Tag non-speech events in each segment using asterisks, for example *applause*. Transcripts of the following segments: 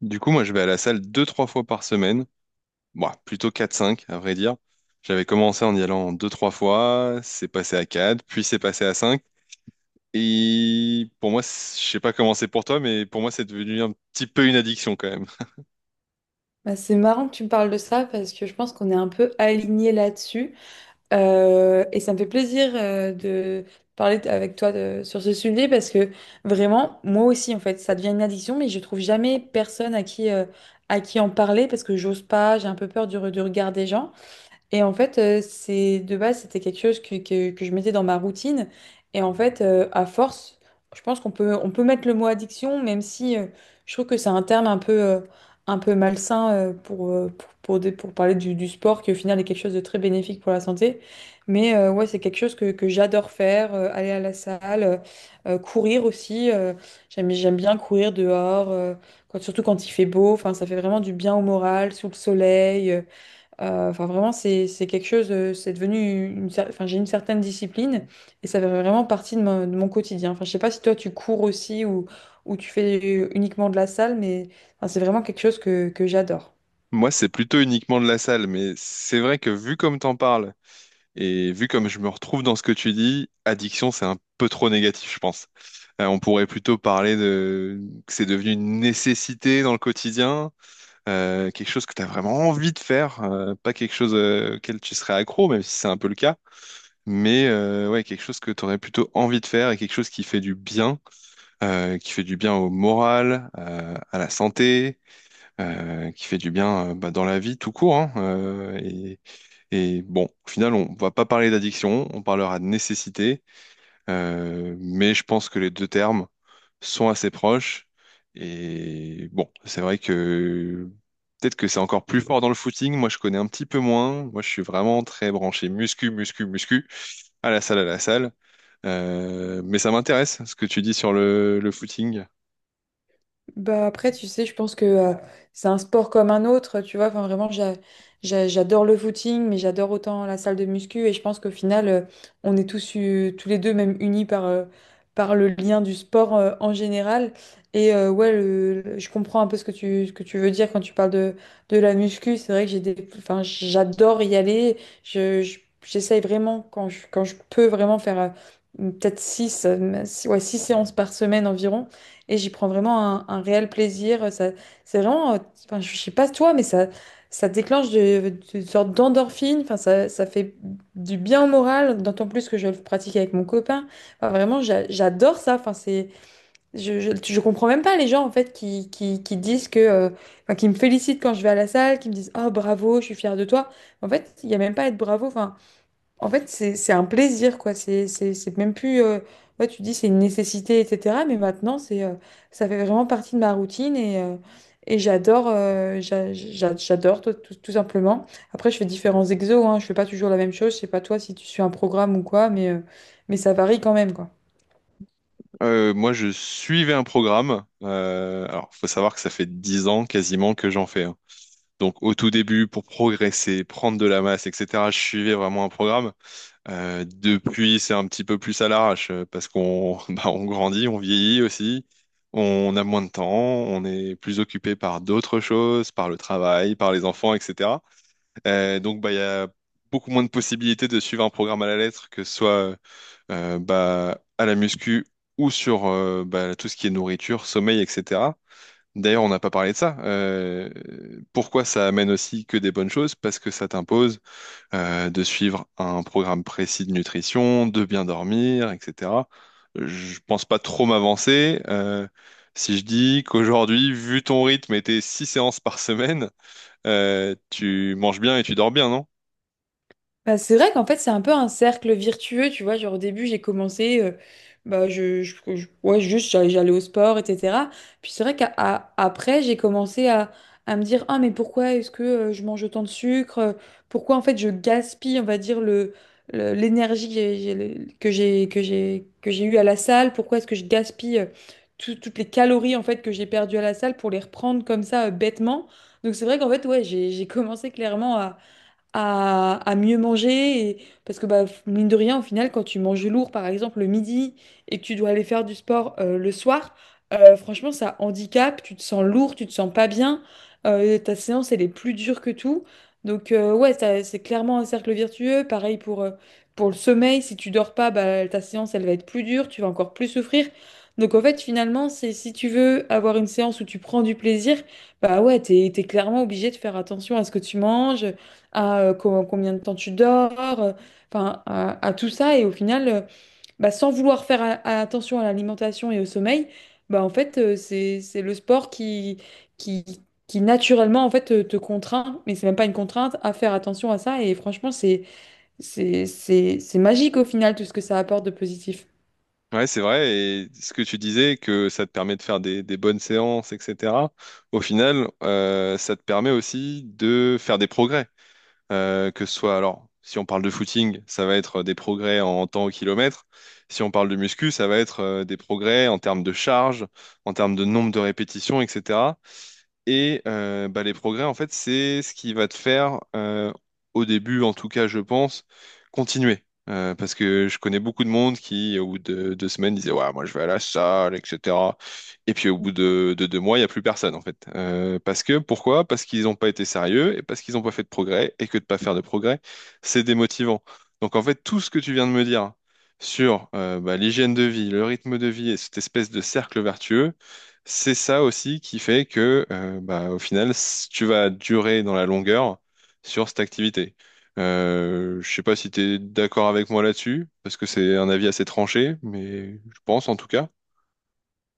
Du coup, moi, je vais à la salle 2, 3 fois par semaine. Bon, plutôt quatre, cinq, à vrai dire. J'avais commencé en y allant 2, 3 fois, c'est passé à 4, puis c'est passé à 5. Et pour moi, je sais pas comment c'est pour toi, mais pour moi, c'est devenu un petit peu une addiction quand même. Bah, c'est marrant que tu me parles de ça parce que je pense qu'on est un peu alignés là-dessus. Et ça me fait plaisir de parler avec toi sur ce sujet parce que vraiment, moi aussi, en fait, ça devient une addiction, mais je trouve jamais personne à qui en parler parce que j'ose pas, j'ai un peu peur du regard des gens. Et en fait, c'est de base, c'était quelque chose que je mettais dans ma routine. Et en fait, à force, je pense qu'on peut, on peut mettre le mot addiction, même si je trouve que c'est un terme un peu malsain pour, pour pour parler du sport, qui au final est quelque chose de très bénéfique pour la santé. Mais ouais, c'est quelque chose que j'adore faire, aller à la salle, courir aussi. J'aime bien courir dehors, surtout quand il fait beau. Enfin, ça fait vraiment du bien au moral, sous le soleil. Enfin, vraiment, c'est quelque chose, c'est devenu enfin, j'ai une certaine discipline et ça fait vraiment partie de mon quotidien. Enfin, je sais pas si toi tu cours aussi ou tu fais uniquement de la salle, mais enfin, c'est vraiment quelque chose que j'adore. Moi, c'est plutôt uniquement de la salle, mais c'est vrai que vu comme t'en parles et vu comme je me retrouve dans ce que tu dis, addiction, c'est un peu trop négatif, je pense. On pourrait plutôt parler de que c'est devenu une nécessité dans le quotidien quelque chose que tu as vraiment envie de faire, pas quelque chose auquel tu serais accro, même si c'est un peu le cas, mais ouais, quelque chose que tu aurais plutôt envie de faire et quelque chose qui fait du bien, qui fait du bien au moral, à la santé, qui fait du bien bah, dans la vie tout court, hein, et bon, au final, on va pas parler d'addiction, on parlera de nécessité, mais je pense que les deux termes sont assez proches. Et bon, c'est vrai que peut-être que c'est encore plus fort dans le footing. Moi, je connais un petit peu moins. Moi, je suis vraiment très branché muscu, muscu, muscu, à la salle, à la salle. Mais ça m'intéresse ce que tu dis sur le footing. Bah après, tu sais, je pense que c'est un sport comme un autre, tu vois. Enfin, vraiment, j'adore le footing, mais j'adore autant la salle de muscu. Et je pense qu'au final, on est tous, tous les deux même unis par, par le lien du sport en général. Et ouais, je comprends un peu ce que tu veux dire quand tu parles de la muscu. C'est vrai que j'ai des, enfin, j'adore y aller. J'essaye vraiment, quand je peux vraiment faire peut-être 6 ouais, six séances par semaine environ. Et j'y prends vraiment un réel plaisir. Ça, c'est vraiment, enfin, je sais pas toi, mais ça déclenche une sorte d'endorphine. Enfin, ça fait du bien au moral, d'autant plus que je le pratique avec mon copain. Enfin, vraiment, j'adore ça. Enfin, c'est, je comprends même pas les gens en fait qui disent que, enfin, qui me félicitent quand je vais à la salle, qui me disent, oh bravo, je suis fière de toi. En fait, il y a même pas à être bravo. Enfin, en fait, c'est un plaisir, quoi. C'est même plus. Ouais, tu dis c'est une nécessité, etc. Mais maintenant, c'est ça fait vraiment partie de ma routine et j'adore, j'adore tout, tout simplement. Après, je fais différents exos, hein. Je fais pas toujours la même chose. Je sais pas toi si tu suis un programme ou quoi, mais ça varie quand même, quoi. Moi, je suivais un programme. Alors, faut savoir que ça fait 10 ans quasiment que j'en fais. Hein. Donc, au tout début, pour progresser, prendre de la masse, etc., je suivais vraiment un programme. Depuis, c'est un petit peu plus à l'arrache parce qu'on *laughs* bah, on grandit, on vieillit aussi, on a moins de temps, on est plus occupé par d'autres choses, par le travail, par les enfants, etc. Donc, bah, il y a beaucoup moins de possibilités de suivre un programme à la lettre, que ce soit bah, à la muscu ou sur bah, tout ce qui est nourriture, sommeil, etc. D'ailleurs, on n'a pas parlé de ça. Pourquoi ça amène aussi que des bonnes choses? Parce que ça t'impose de suivre un programme précis de nutrition, de bien dormir, etc. Je pense pas trop m'avancer. Si je dis qu'aujourd'hui, vu ton rythme et tes 6 séances par semaine, tu manges bien et tu dors bien, non? Bah, c'est vrai qu'en fait, c'est un peu un cercle virtueux, tu vois. Genre, au début, j'ai commencé, bah, ouais, juste, j'allais au sport, etc. Puis c'est vrai qu'après, j'ai commencé à me dire, ah, mais pourquoi est-ce que je mange autant de sucre? Pourquoi, en fait, je gaspille, on va dire, l'énergie que j'ai- le- que j'ai eue à la salle? Pourquoi est-ce que je gaspille toutes les calories, en fait, que j'ai perdues à la salle pour les reprendre comme ça, bêtement? Donc, c'est vrai qu'en fait, ouais, j'ai commencé clairement à mieux manger. Parce que, bah, mine de rien, au final, quand tu manges lourd, par exemple, le midi et que tu dois aller faire du sport le soir, franchement, ça handicape. Tu te sens lourd, tu te sens pas bien. Ta séance, elle est plus dure que tout. Donc, ouais, c'est clairement un cercle vertueux. Pareil pour le sommeil. Si tu dors pas, bah, ta séance, elle va être plus dure. Tu vas encore plus souffrir. Donc, en fait, finalement, c'est si tu veux avoir une séance où tu prends du plaisir, bah ouais, t'es clairement obligé de faire attention à ce que tu manges à combien de temps tu dors, euh, enfin à tout ça. Et au final, bah, sans vouloir faire attention à l'alimentation et au sommeil, bah en fait c'est le sport qui qui naturellement en fait te, te contraint, mais c'est même pas une contrainte à faire attention à ça. Et franchement, c'est magique au final tout ce que ça apporte de positif. Ouais, c'est vrai. Et ce que tu disais, que ça te permet de faire des bonnes séances, etc. Au final, ça te permet aussi de faire des progrès. Que ce soit, alors, si on parle de footing, ça va être des progrès en temps au kilomètre. Si on parle de muscu, ça va être des progrès en termes de charge, en termes de nombre de répétitions, etc. Et bah, les progrès, en fait, c'est ce qui va te faire, au début, en tout cas, je pense, continuer. Parce que je connais beaucoup de monde qui, au bout de 2 semaines, disait, ouais, moi, je vais à la salle, etc. Et puis, au bout de 2 mois, il n'y a plus personne, en fait. Parce que, pourquoi? Parce qu'ils n'ont pas été sérieux et parce qu'ils n'ont pas fait de progrès et que de ne pas faire de progrès, c'est démotivant. Donc, en fait, tout ce que tu viens de me dire sur bah, l'hygiène de vie, le rythme de vie et cette espèce de cercle vertueux, c'est ça aussi qui fait que, bah, au final, tu vas durer dans la longueur sur cette activité. Je sais pas si tu es d'accord avec moi là-dessus, parce que c'est un avis assez tranché, mais je pense en tout cas.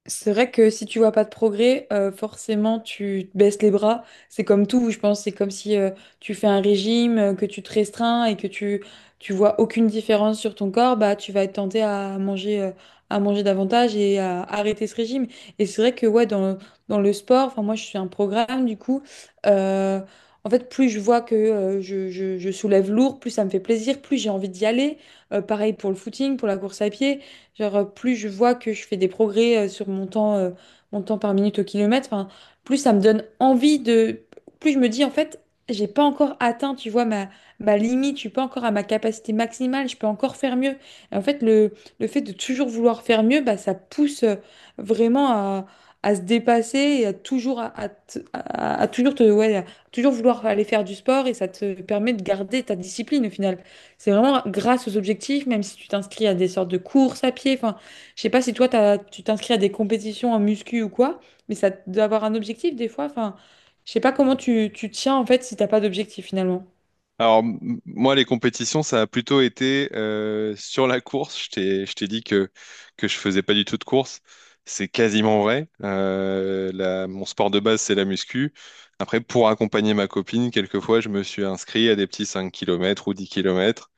C'est vrai que si tu vois pas de progrès, forcément tu te baisses les bras. C'est comme tout, je pense. C'est comme si tu fais un régime, que tu te restreins et que tu vois aucune différence sur ton corps, bah tu vas être tenté à manger davantage et à arrêter ce régime. Et c'est vrai que ouais dans le sport, enfin moi je suis un programme du coup. euh, En fait, plus je vois que je soulève lourd, plus ça me fait plaisir, plus j'ai envie d'y aller. Pareil pour le footing, pour la course à pied. Genre, plus je vois que je fais des progrès sur mon temps par minute au kilomètre, enfin, plus ça me donne envie de... Plus je me dis, en fait, j'ai pas encore atteint, tu vois, ma limite, je suis pas encore à ma capacité maximale, je peux encore faire mieux. Et en fait, le fait de toujours vouloir faire mieux, bah, ça pousse vraiment à se dépasser et à toujours, ouais, à toujours vouloir aller faire du sport et ça te permet de garder ta discipline au final. C'est vraiment grâce aux objectifs, même si tu t'inscris à des sortes de courses à pied. Enfin, je sais pas si toi, tu t'inscris à des compétitions en muscu ou quoi, mais ça doit avoir un objectif des fois. Enfin, je sais pas comment tu, tu tiens en fait si t'as pas d'objectif finalement. Alors, moi, les compétitions, ça a plutôt été sur la course. Je t'ai dit que je faisais pas du tout de course. C'est quasiment vrai. Mon sport de base, c'est la muscu. Après, pour accompagner ma copine, quelquefois, je me suis inscrit à des petits 5 kilomètres ou 10 kilomètres.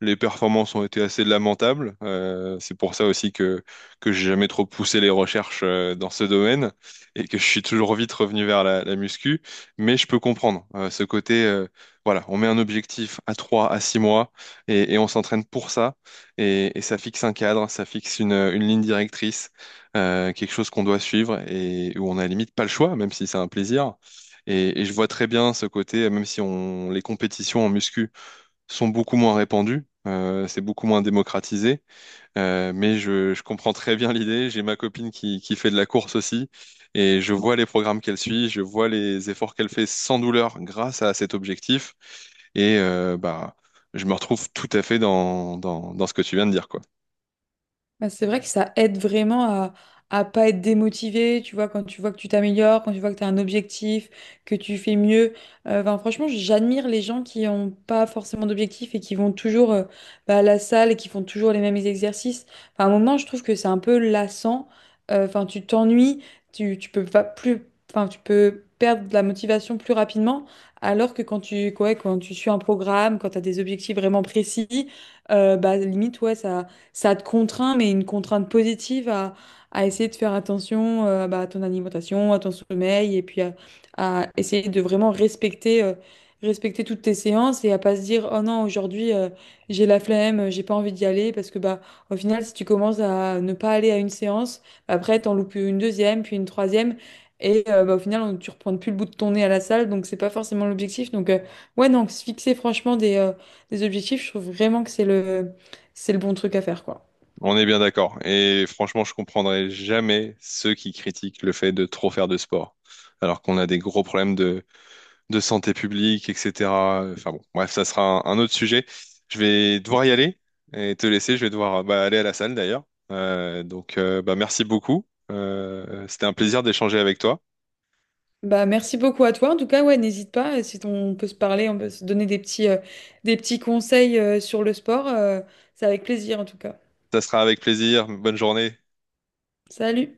Les performances ont été assez lamentables. C'est pour ça aussi que j'ai jamais trop poussé les recherches dans ce domaine et que je suis toujours vite revenu vers la muscu. Mais je peux comprendre ce côté. Voilà, on met un objectif à 3 à 6 mois et on s'entraîne pour ça. Et ça fixe un cadre, ça fixe une ligne directrice, quelque chose qu'on doit suivre et où on a limite pas le choix, même si c'est un plaisir. Et je vois très bien ce côté, même si on les compétitions en muscu sont beaucoup moins répandus, c'est beaucoup moins démocratisé, mais je comprends très bien l'idée. J'ai ma copine qui fait de la course aussi, et je vois les programmes qu'elle suit, je vois les efforts qu'elle fait sans douleur grâce à cet objectif, et bah, je me retrouve tout à fait dans ce que tu viens de dire, quoi. Bah, c'est vrai que ça aide vraiment à pas être démotivé, tu vois, quand tu vois que tu t'améliores, quand tu vois que tu as un objectif, que tu fais mieux. Enfin, franchement, j'admire les gens qui n'ont pas forcément d'objectif et qui vont toujours bah, à la salle et qui font toujours les mêmes exercices. Enfin, à un moment, je trouve que c'est un peu lassant. Enfin, tu t'ennuies, tu peux pas plus, enfin, tu peux perdre de la motivation plus rapidement, alors que quand tu, ouais, quand tu suis un programme, quand tu as des objectifs vraiment précis, bah, limite, ouais, ça te contraint, mais une contrainte positive à essayer de faire attention bah, à ton alimentation, à ton sommeil, et puis à essayer de vraiment respecter, respecter toutes tes séances et à pas se dire, oh non, aujourd'hui, j'ai la flemme, j'ai pas envie d'y aller, parce que bah, au final, si tu commences à ne pas aller à une séance, bah, après, t'en loupes une deuxième, puis une troisième. Et bah, au final, tu reprends plus le bout de ton nez à la salle, donc c'est pas forcément l'objectif. Donc, ouais, non, se fixer franchement des objectifs, je trouve vraiment que c'est le bon truc à faire, quoi. On est bien d'accord, et franchement, je comprendrai jamais ceux qui critiquent le fait de trop faire de sport, alors qu'on a des gros problèmes de santé publique, etc. Enfin bon, bref, ça sera un autre sujet. Je vais devoir y aller et te laisser. Je vais devoir bah, aller à la salle d'ailleurs. Donc, bah, merci beaucoup. C'était un plaisir d'échanger avec toi. Bah, merci beaucoup à toi. En tout cas, ouais, n'hésite pas. Si on peut se parler, on peut se donner des petits conseils, sur le sport. C'est avec plaisir, en tout cas. Ça sera avec plaisir. Bonne journée. Salut!